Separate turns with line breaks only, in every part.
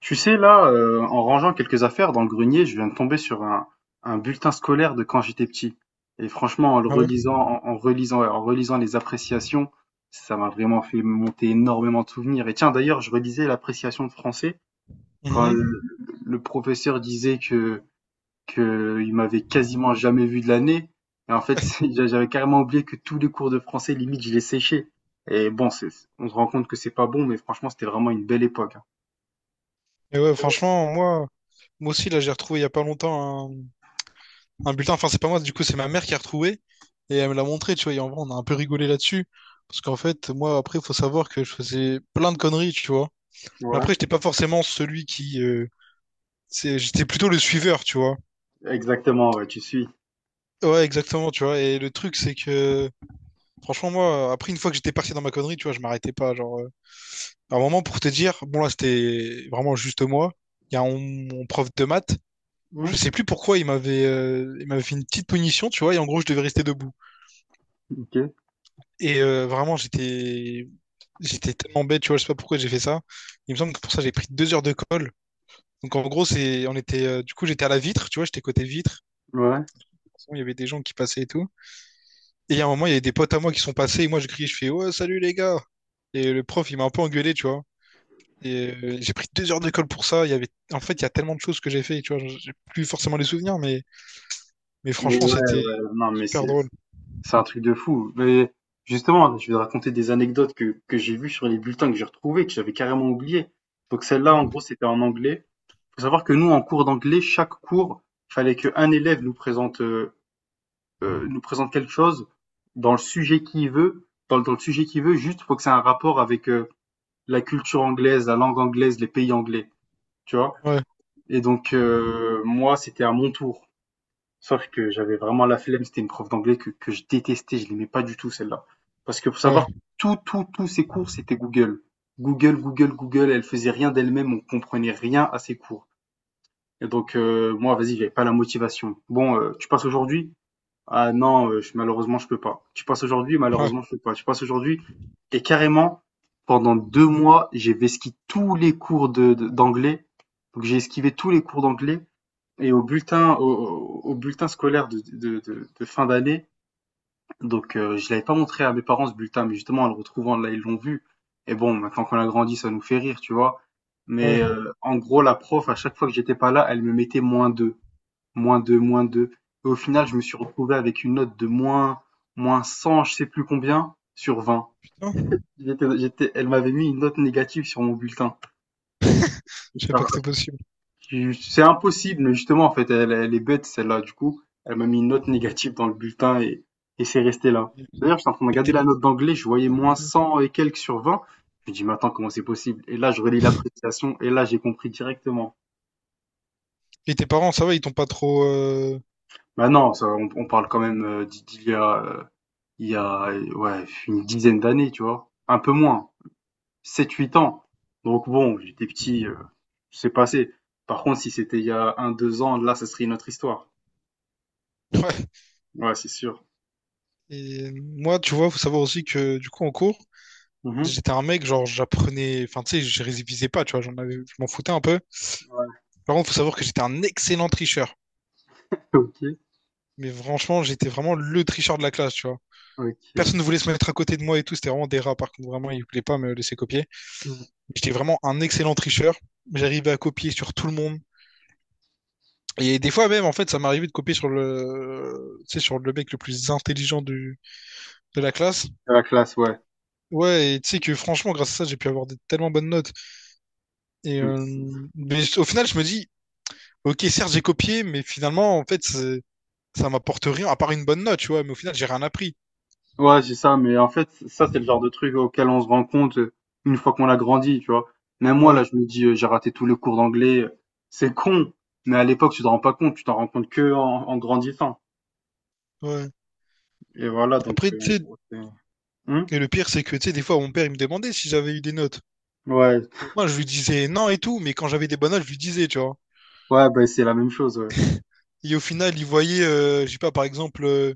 Tu sais, là, en rangeant quelques affaires dans le grenier, je viens de tomber sur un bulletin scolaire de quand j'étais petit. Et franchement, en le
Ah ouais.
relisant, en, en relisant, ouais, en relisant les appréciations, ça m'a vraiment fait monter énormément de souvenirs. Et tiens, d'ailleurs, je relisais l'appréciation de français quand
Mhm.
le professeur disait que il m'avait quasiment jamais vu de l'année. Et en fait, j'avais carrément oublié que tous les cours de français, limite, je les séchais. Et bon, on se rend compte que c'est pas bon, mais franchement, c'était vraiment une belle époque, hein.
Et ouais, franchement, moi aussi, là, j'ai retrouvé il y a pas longtemps un bulletin. Enfin, c'est pas moi, du coup, c'est ma mère qui a retrouvé. Et elle me l'a montré, tu vois. Et en vrai, on a un peu rigolé là-dessus. Parce qu'en fait, moi, après, il faut savoir que je faisais plein de conneries, tu vois. Mais
Ouais.
après, j'étais pas forcément celui qui, j'étais plutôt le suiveur, tu vois.
Exactement, ouais, tu suis.
Ouais, exactement, tu vois. Et le truc, c'est que. Franchement, moi, après, une fois que j'étais parti dans ma connerie, tu vois, je m'arrêtais pas. Genre, à un moment, pour te dire, bon, là, c'était vraiment juste moi. Il y a un- mon prof de maths, je
Hmm.
sais plus pourquoi il m'avait fait une petite punition, tu vois, et en gros je devais rester debout.
OK,
Et vraiment j'étais tellement bête, tu vois, je sais pas pourquoi j'ai fait ça. Il me semble que pour ça j'ai pris 2 heures de colle. Donc en gros c'est on était du coup j'étais à la vitre, tu vois, j'étais côté vitre.
ouais.
De toute façon, il y avait des gens qui passaient et tout. Et à un moment il y avait des potes à moi qui sont passés et moi je criais, je fais ouais salut les gars. Et le prof il m'a un peu engueulé, tu vois. Et j'ai pris deux heures de colle pour ça. Il y avait en fait il y a tellement de choses que j'ai fait, tu vois, j'ai plus forcément les souvenirs, mais
Mais ouais,
franchement c'était
non, mais
super
c'est
drôle.
c'est un truc de fou. Mais justement, je vais te raconter des anecdotes que j'ai vues sur les bulletins que j'ai retrouvés, que j'avais carrément oublié. Donc celle-là, en gros, c'était en anglais. Faut savoir que nous, en cours d'anglais, chaque cours, fallait qu'un élève nous présente quelque chose dans le sujet qu'il veut, dans le sujet qu'il veut. Juste, faut que c'est un rapport avec la culture anglaise, la langue anglaise, les pays anglais, tu vois.
Ouais.
Et donc moi, c'était à mon tour. Sauf que j'avais vraiment la flemme, c'était une prof d'anglais que je détestais, je l'aimais pas du tout celle-là. Parce que faut
Ouais,
savoir, tous ses cours, c'était Google. Google, Google, Google, elle faisait rien d'elle-même, on comprenait rien à ses cours. Et donc moi, vas-y, j'avais pas la motivation. Bon, tu passes aujourd'hui? Ah non, malheureusement, je peux pas. Tu passes aujourd'hui?
ouais,
Malheureusement, je peux pas. Tu passes aujourd'hui? Et carrément, pendant 2 mois, j'ai esquivé tous les cours d'anglais. Donc j'ai esquivé tous les cours d'anglais et au bulletin, au bulletin scolaire de fin d'année. Donc, je l'avais pas montré à mes parents ce bulletin, mais justement, en le retrouvant là, ils l'ont vu. Et bon, maintenant qu'on a grandi, ça nous fait rire, tu vois. Mais
ouais,
en gros, la prof, à chaque fois que j'étais pas là, elle me mettait -2, -2, -2. Et au final, je me suis retrouvé avec une note de moins 100, je sais plus combien, sur 20.
putain.
Elle m'avait mis une note négative sur mon bulletin.
Je savais pas que c'était possible.
C'est impossible, mais justement, en fait, elle est bête, celle-là. Du coup, elle m'a mis une note négative dans le bulletin et c'est resté là. D'ailleurs,
Et
j'étais en train de regarder
tes,
la note d'anglais, je voyais moins 100 et quelques sur vingt. Je me dis, mais attends, comment c'est possible? Et là, je relis l'appréciation et là, j'ai compris directement.
et tes parents, ça va, ils t'ont pas trop,
Bah non, ça, on parle quand même il y a ouais, une dizaine d'années, tu vois. Un peu moins, sept huit ans. Donc bon, j'étais petit, c'est passé. Par contre, si c'était il y a un, deux ans, là, ça serait une autre histoire.
ouais.
Ouais, c'est sûr.
Et moi, tu vois, faut savoir aussi que du coup, en cours,
Mhm.
j'étais un mec, genre, j'apprenais. Enfin, tu sais, je révisais pas, tu vois, je m'en foutais un peu. Par contre, faut savoir que j'étais un excellent tricheur.
OK,
Mais franchement, j'étais vraiment le tricheur de la classe, tu vois. Personne
OK.
ne voulait se mettre à côté de moi et tout, c'était vraiment des rats, par contre, vraiment, ils voulaient pas me laisser copier.
Mmh.
J'étais vraiment un excellent tricheur. J'arrivais à copier sur tout le monde. Et des fois même, en fait, ça m'arrivait de copier sur le, tu sais, sur le mec le plus intelligent de la classe.
La classe, ouais.
Ouais, et tu sais que franchement, grâce à ça, j'ai pu avoir des tellement bonnes notes. Et
Mmh.
mais au final, je me dis, ok, certes, j'ai copié, mais finalement, en fait, ça m'apporte rien, à part une bonne note, tu vois. Mais au final, j'ai rien appris.
Ouais, c'est ça, mais en fait, ça, c'est le genre de truc auquel on se rend compte, une fois qu'on a grandi, tu vois? Même moi,
Ouais,
là, je me dis: «J'ai raté tous les cours d'anglais», c'est con, mais à l'époque, tu t'en rends pas compte, tu t'en rends compte que en grandissant
ouais.
et voilà,
Et
donc
après, tu sais,
ouais, c'est mmh?
et le pire, c'est que, tu sais, des fois, mon père, il me demandait si j'avais eu des notes.
Ouais,
Et moi, je lui disais non et tout, mais quand j'avais des bonnes notes, je lui disais, tu vois.
ouais, bah, c'est la même chose, ouais.
Et au final, il voyait, je sais pas, par exemple,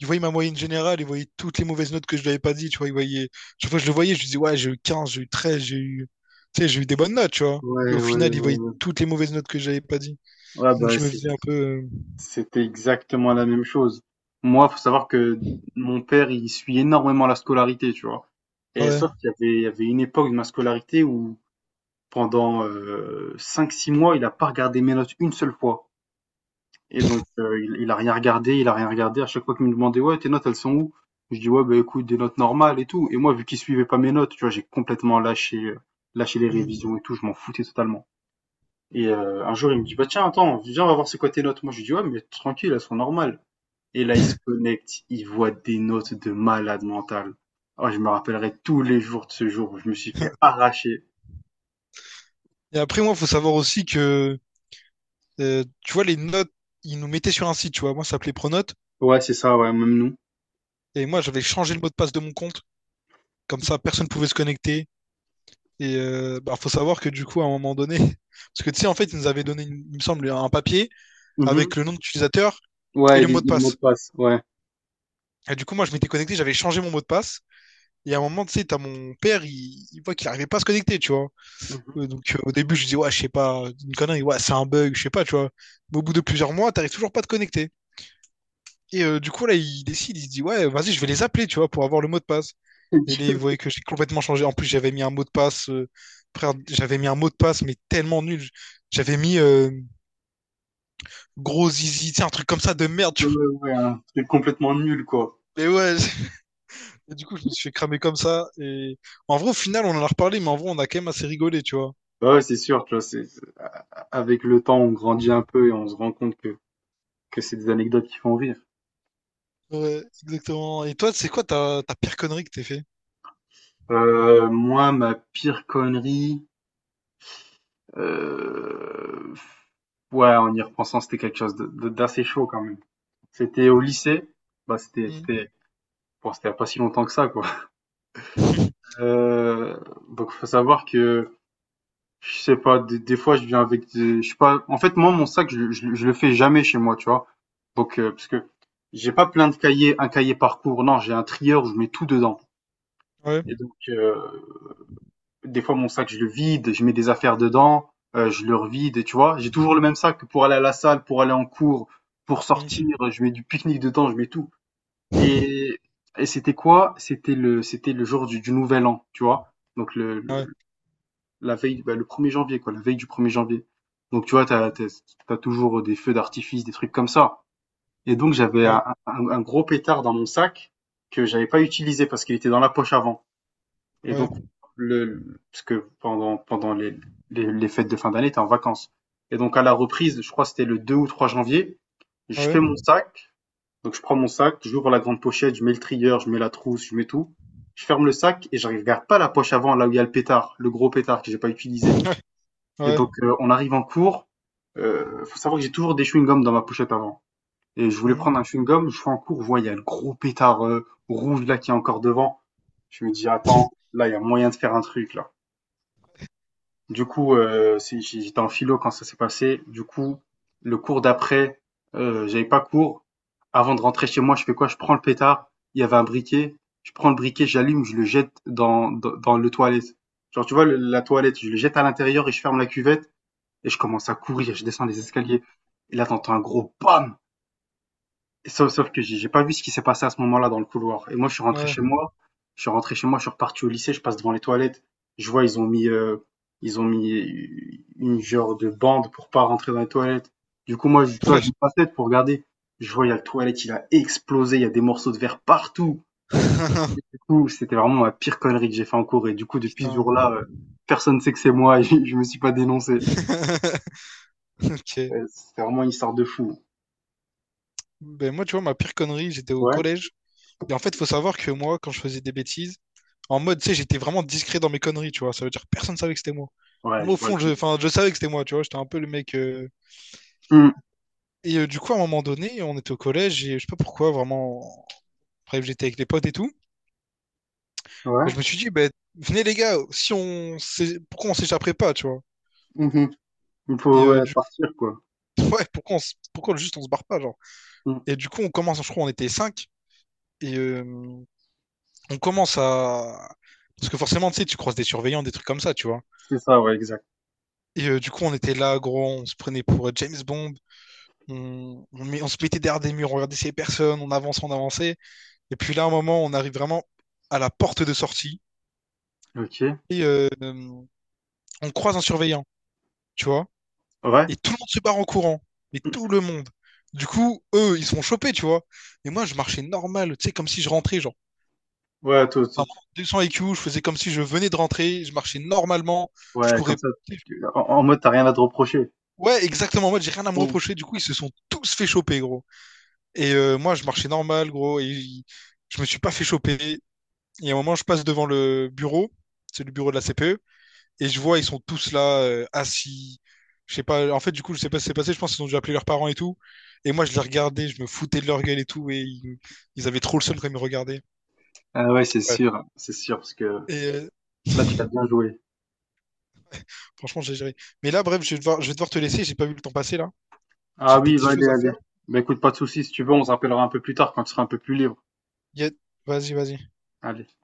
il voyait ma moyenne générale, il voyait toutes les mauvaises notes que je lui avais pas dit, tu vois, il voyait, chaque fois que je le voyais, je lui disais, ouais, j'ai eu 15 j'ai eu 13 j'ai eu, tu sais, j'ai eu des bonnes notes, tu vois. Et au
Ouais, ouais,
final, il voyait
ouais.
toutes les mauvaises notes que j'avais pas dit.
Ouais,
Donc,
bah,
je me
c'est
faisais un peu,
c'était exactement la même chose. Moi, faut savoir que mon père, il suit énormément la scolarité, tu vois? Et
ouais.
sauf qu'il y avait une époque de ma scolarité où pendant, 5-6 mois, il a pas regardé mes notes une seule fois. Et donc, il a rien regardé, il a rien regardé. À chaque fois qu'il me demandait: «Ouais, tes notes, elles sont où?» Je dis: «Ouais, bah, écoute, des notes normales et tout» et moi, vu qu'il suivait pas mes notes, tu vois, j'ai complètement lâché les
Hmm.
révisions et tout, je m'en foutais totalement. Et un jour, il me dit: «Bah, tiens, attends, viens, on va voir c'est quoi tes notes». Moi, je lui dis: «Ouais, mais tranquille, elles sont normales». Et là, il se connecte, il voit des notes de malade mental. Oh, je me rappellerai tous les jours de ce jour où je me suis fait arracher.
Et après, moi, faut savoir aussi que, tu vois, les notes, ils nous mettaient sur un site, tu vois. Moi, ça s'appelait Pronote.
Ouais, c'est ça, ouais, même nous.
Et moi, j'avais changé le mot de passe de mon compte. Comme ça, personne pouvait se connecter. Et bah, faut savoir que du coup, à un moment donné, parce que tu sais, en fait, ils nous avaient donné, il me semble, un papier
Mhm.
avec le nom d'utilisateur et
Ouais,
le
il,
mot de
il mot de
passe.
passe, ouais.
Et du coup, moi, je m'étais connecté, j'avais changé mon mot de passe. Et à un moment, tu sais, t'as mon père, il voit qu'il arrivait pas à se connecter, tu vois.
Mhm.
Donc, au début, je dis, ouais, je sais pas, une connerie, ouais, c'est un bug, je sais pas, tu vois. Mais au bout de plusieurs mois, t'arrives toujours pas à te connecter. Et du coup, là, il décide, il se dit, ouais, vas-y, je vais les appeler, tu vois, pour avoir le mot de passe. Et
Du
là, il
coup,
voyait que j'ai complètement changé. En plus, j'avais mis un mot de passe, frère, j'avais mis un mot de passe, mais tellement nul. J'avais mis gros zizi, tu sais, un truc comme ça de merde, tu
ouais,
vois.
ouais, hein. C'est complètement nul, quoi.
Mais ouais, et du coup, je me suis fait cramer comme ça. Et en vrai, au final, on en a reparlé, mais en vrai, on a quand même assez rigolé, tu vois.
Bah ouais, c'est sûr, tu vois, avec le temps, on grandit un peu et on se rend compte que c'est des anecdotes qui font rire.
Ouais, exactement. Et toi, c'est quoi ta pire connerie que t'es fait?
Moi, ma pire connerie, euh, ouais, en y repensant, c'était quelque chose d'assez chaud quand même. C'était au lycée. Bah, c'était
Hmm.
c'était bon, c'était il y a pas si longtemps que ça, quoi. Heu, donc faut savoir que, je sais pas, des fois, je viens avec des je sais pas en fait, moi, mon sac, je le fais jamais chez moi, tu vois? Donc parce que j'ai pas plein de cahiers un cahier par cours, non, j'ai un trieur où je mets tout dedans
Ouais.
et donc des fois, mon sac, je le vide, je mets des affaires dedans, je le revide et tu vois? J'ai toujours le même sac pour aller à la salle, pour aller en cours, pour sortir,
Hmm.
je mets du pique-nique dedans, je mets tout. Et et c'était quoi? C'était le jour du nouvel an, tu vois? Donc
Ouais.
le la veille, bah, le 1er janvier, quoi, la veille du 1er janvier. Donc tu vois, t'as t'as tu toujours des feux d'artifice, des trucs comme ça. Et donc j'avais
Ouais.
un gros pétard dans mon sac que j'avais pas utilisé parce qu'il était dans la poche avant. Et
Ouais.
donc le parce que pendant les fêtes de fin d'année, t'es en vacances. Et donc à la reprise, je crois que c'était le 2 ou 3 janvier, je
Ouais.
fais mon sac donc je prends mon sac, j'ouvre la grande pochette, je mets le trieur, je mets la trousse, je mets tout. Je ferme le sac et je regarde pas la poche avant, là où il y a le pétard, le gros pétard que j'ai pas utilisé.
Ouais.
Et
Ouais.
donc on arrive en cours. Faut savoir que j'ai toujours des chewing-gums dans ma pochette avant. Et je voulais prendre un
Hmm.
chewing-gum, je suis en cours, je vois il y a le gros pétard rouge là qui est encore devant. Je me dis attends, là il y a moyen de faire un truc là. Du coup, j'étais en philo quand ça s'est passé. Du coup, le cours d'après, j'avais pas cours. Avant de rentrer chez moi, je fais quoi? Je prends le pétard. Il y avait un briquet. Je prends le briquet, j'allume, je le jette dans le toilette. Genre, tu vois, la toilette, je le jette à l'intérieur et je ferme la cuvette et je commence à courir. Je descends les escaliers. Et là, t'entends un gros bam! Sauf que j'ai pas vu ce qui s'est passé à ce moment-là dans le couloir. Et moi, je suis rentré chez
Ouais.
moi. Je suis rentré chez moi, je suis reparti au lycée, je passe devant les toilettes. Je vois, ils ont mis une genre de bande pour pas rentrer dans les toilettes. Du coup, moi, tu vois, je me
Ouais.
passe tête pour regarder. Je vois, il y a le toilette, il a explosé, il y a des morceaux de verre partout. Et du coup, c'était vraiment la pire connerie que j'ai fait en cours. Et du coup, depuis ce
Putain.
jour-là, personne ne sait que c'est moi. et je me suis pas dénoncé.
Ok.
Ouais, c'est vraiment une histoire de fou.
Ben moi, tu vois, ma pire connerie, j'étais au
Ouais.
collège. Et en fait, faut savoir que moi, quand je faisais des bêtises, en mode, tu sais, j'étais vraiment discret dans mes conneries, tu vois. Ça veut dire que personne savait que c'était moi.
Ouais,
Moi,
je
au
vois le
fond, je,
truc.
enfin, je savais que c'était moi, tu vois. J'étais un peu le mec.
Hum.
Et du coup, à un moment donné, on était au collège et je sais pas pourquoi, vraiment. Bref, j'étais avec les potes et tout.
Ouais.
Bah, je me suis dit, bah, venez les gars, si on s'é- pourquoi on s'échapperait pas, tu vois.
Mhm. Il
Et
faut ouais,
du coup,
partir quoi.
ouais, pourquoi, pourquoi juste on se barre pas, genre.
Mm.
Et du coup, on commence, je crois, on était cinq. Et on commence à. Parce que forcément, tu sais, tu croises des surveillants, des trucs comme ça, tu vois.
C'est ça, ouais, exact.
Et du coup, on était là, gros, on se prenait pour James Bond. On se mettait derrière des murs, on regardait ces personnes, on avançait, on avançait. Et puis là, à un moment, on arrive vraiment à la porte de sortie.
OK.
Et on croise un surveillant, tu vois.
Ouais.
Et tout le monde se barre en courant. Mais tout le monde. Du coup, eux, ils sont chopés, tu vois. Et moi, je marchais normal, tu sais, comme si je rentrais, genre.
Ouais, tout, tout.
Vraiment, 200 IQ, je faisais comme si je venais de rentrer, je marchais normalement, je
Ouais,
courais.
comme ça, en mode t'as rien à te reprocher.
Ouais, exactement, moi, j'ai rien à me
Mm.
reprocher. Du coup, ils se sont tous fait choper, gros. Et moi, je marchais normal, gros, je me suis pas fait choper. Et à un moment, je passe devant le bureau, c'est le bureau de la CPE, et je vois, ils sont tous là, assis. Je sais pas, en fait, du coup, je sais pas ce qui s'est passé, je pense qu'ils ont dû appeler leurs parents et tout. Et moi, je les regardais, je me foutais de leur gueule et tout, et ils avaient trop le seum quand ils me regardaient.
Ah ouais,
Bref.
c'est sûr, parce que
Et euh,
là tu as bien joué.
franchement, j'ai géré. Mais là, bref, je vais devoir te laisser, j'ai pas vu le temps passer là.
Ah
J'ai des
oui,
petites
va allez,
choses à
allez.
faire.
Bah écoute, pas de soucis, si tu veux, on se rappellera un peu plus tard quand tu seras un peu plus libre.
Y a- Vas-y, vas-y.
Allez.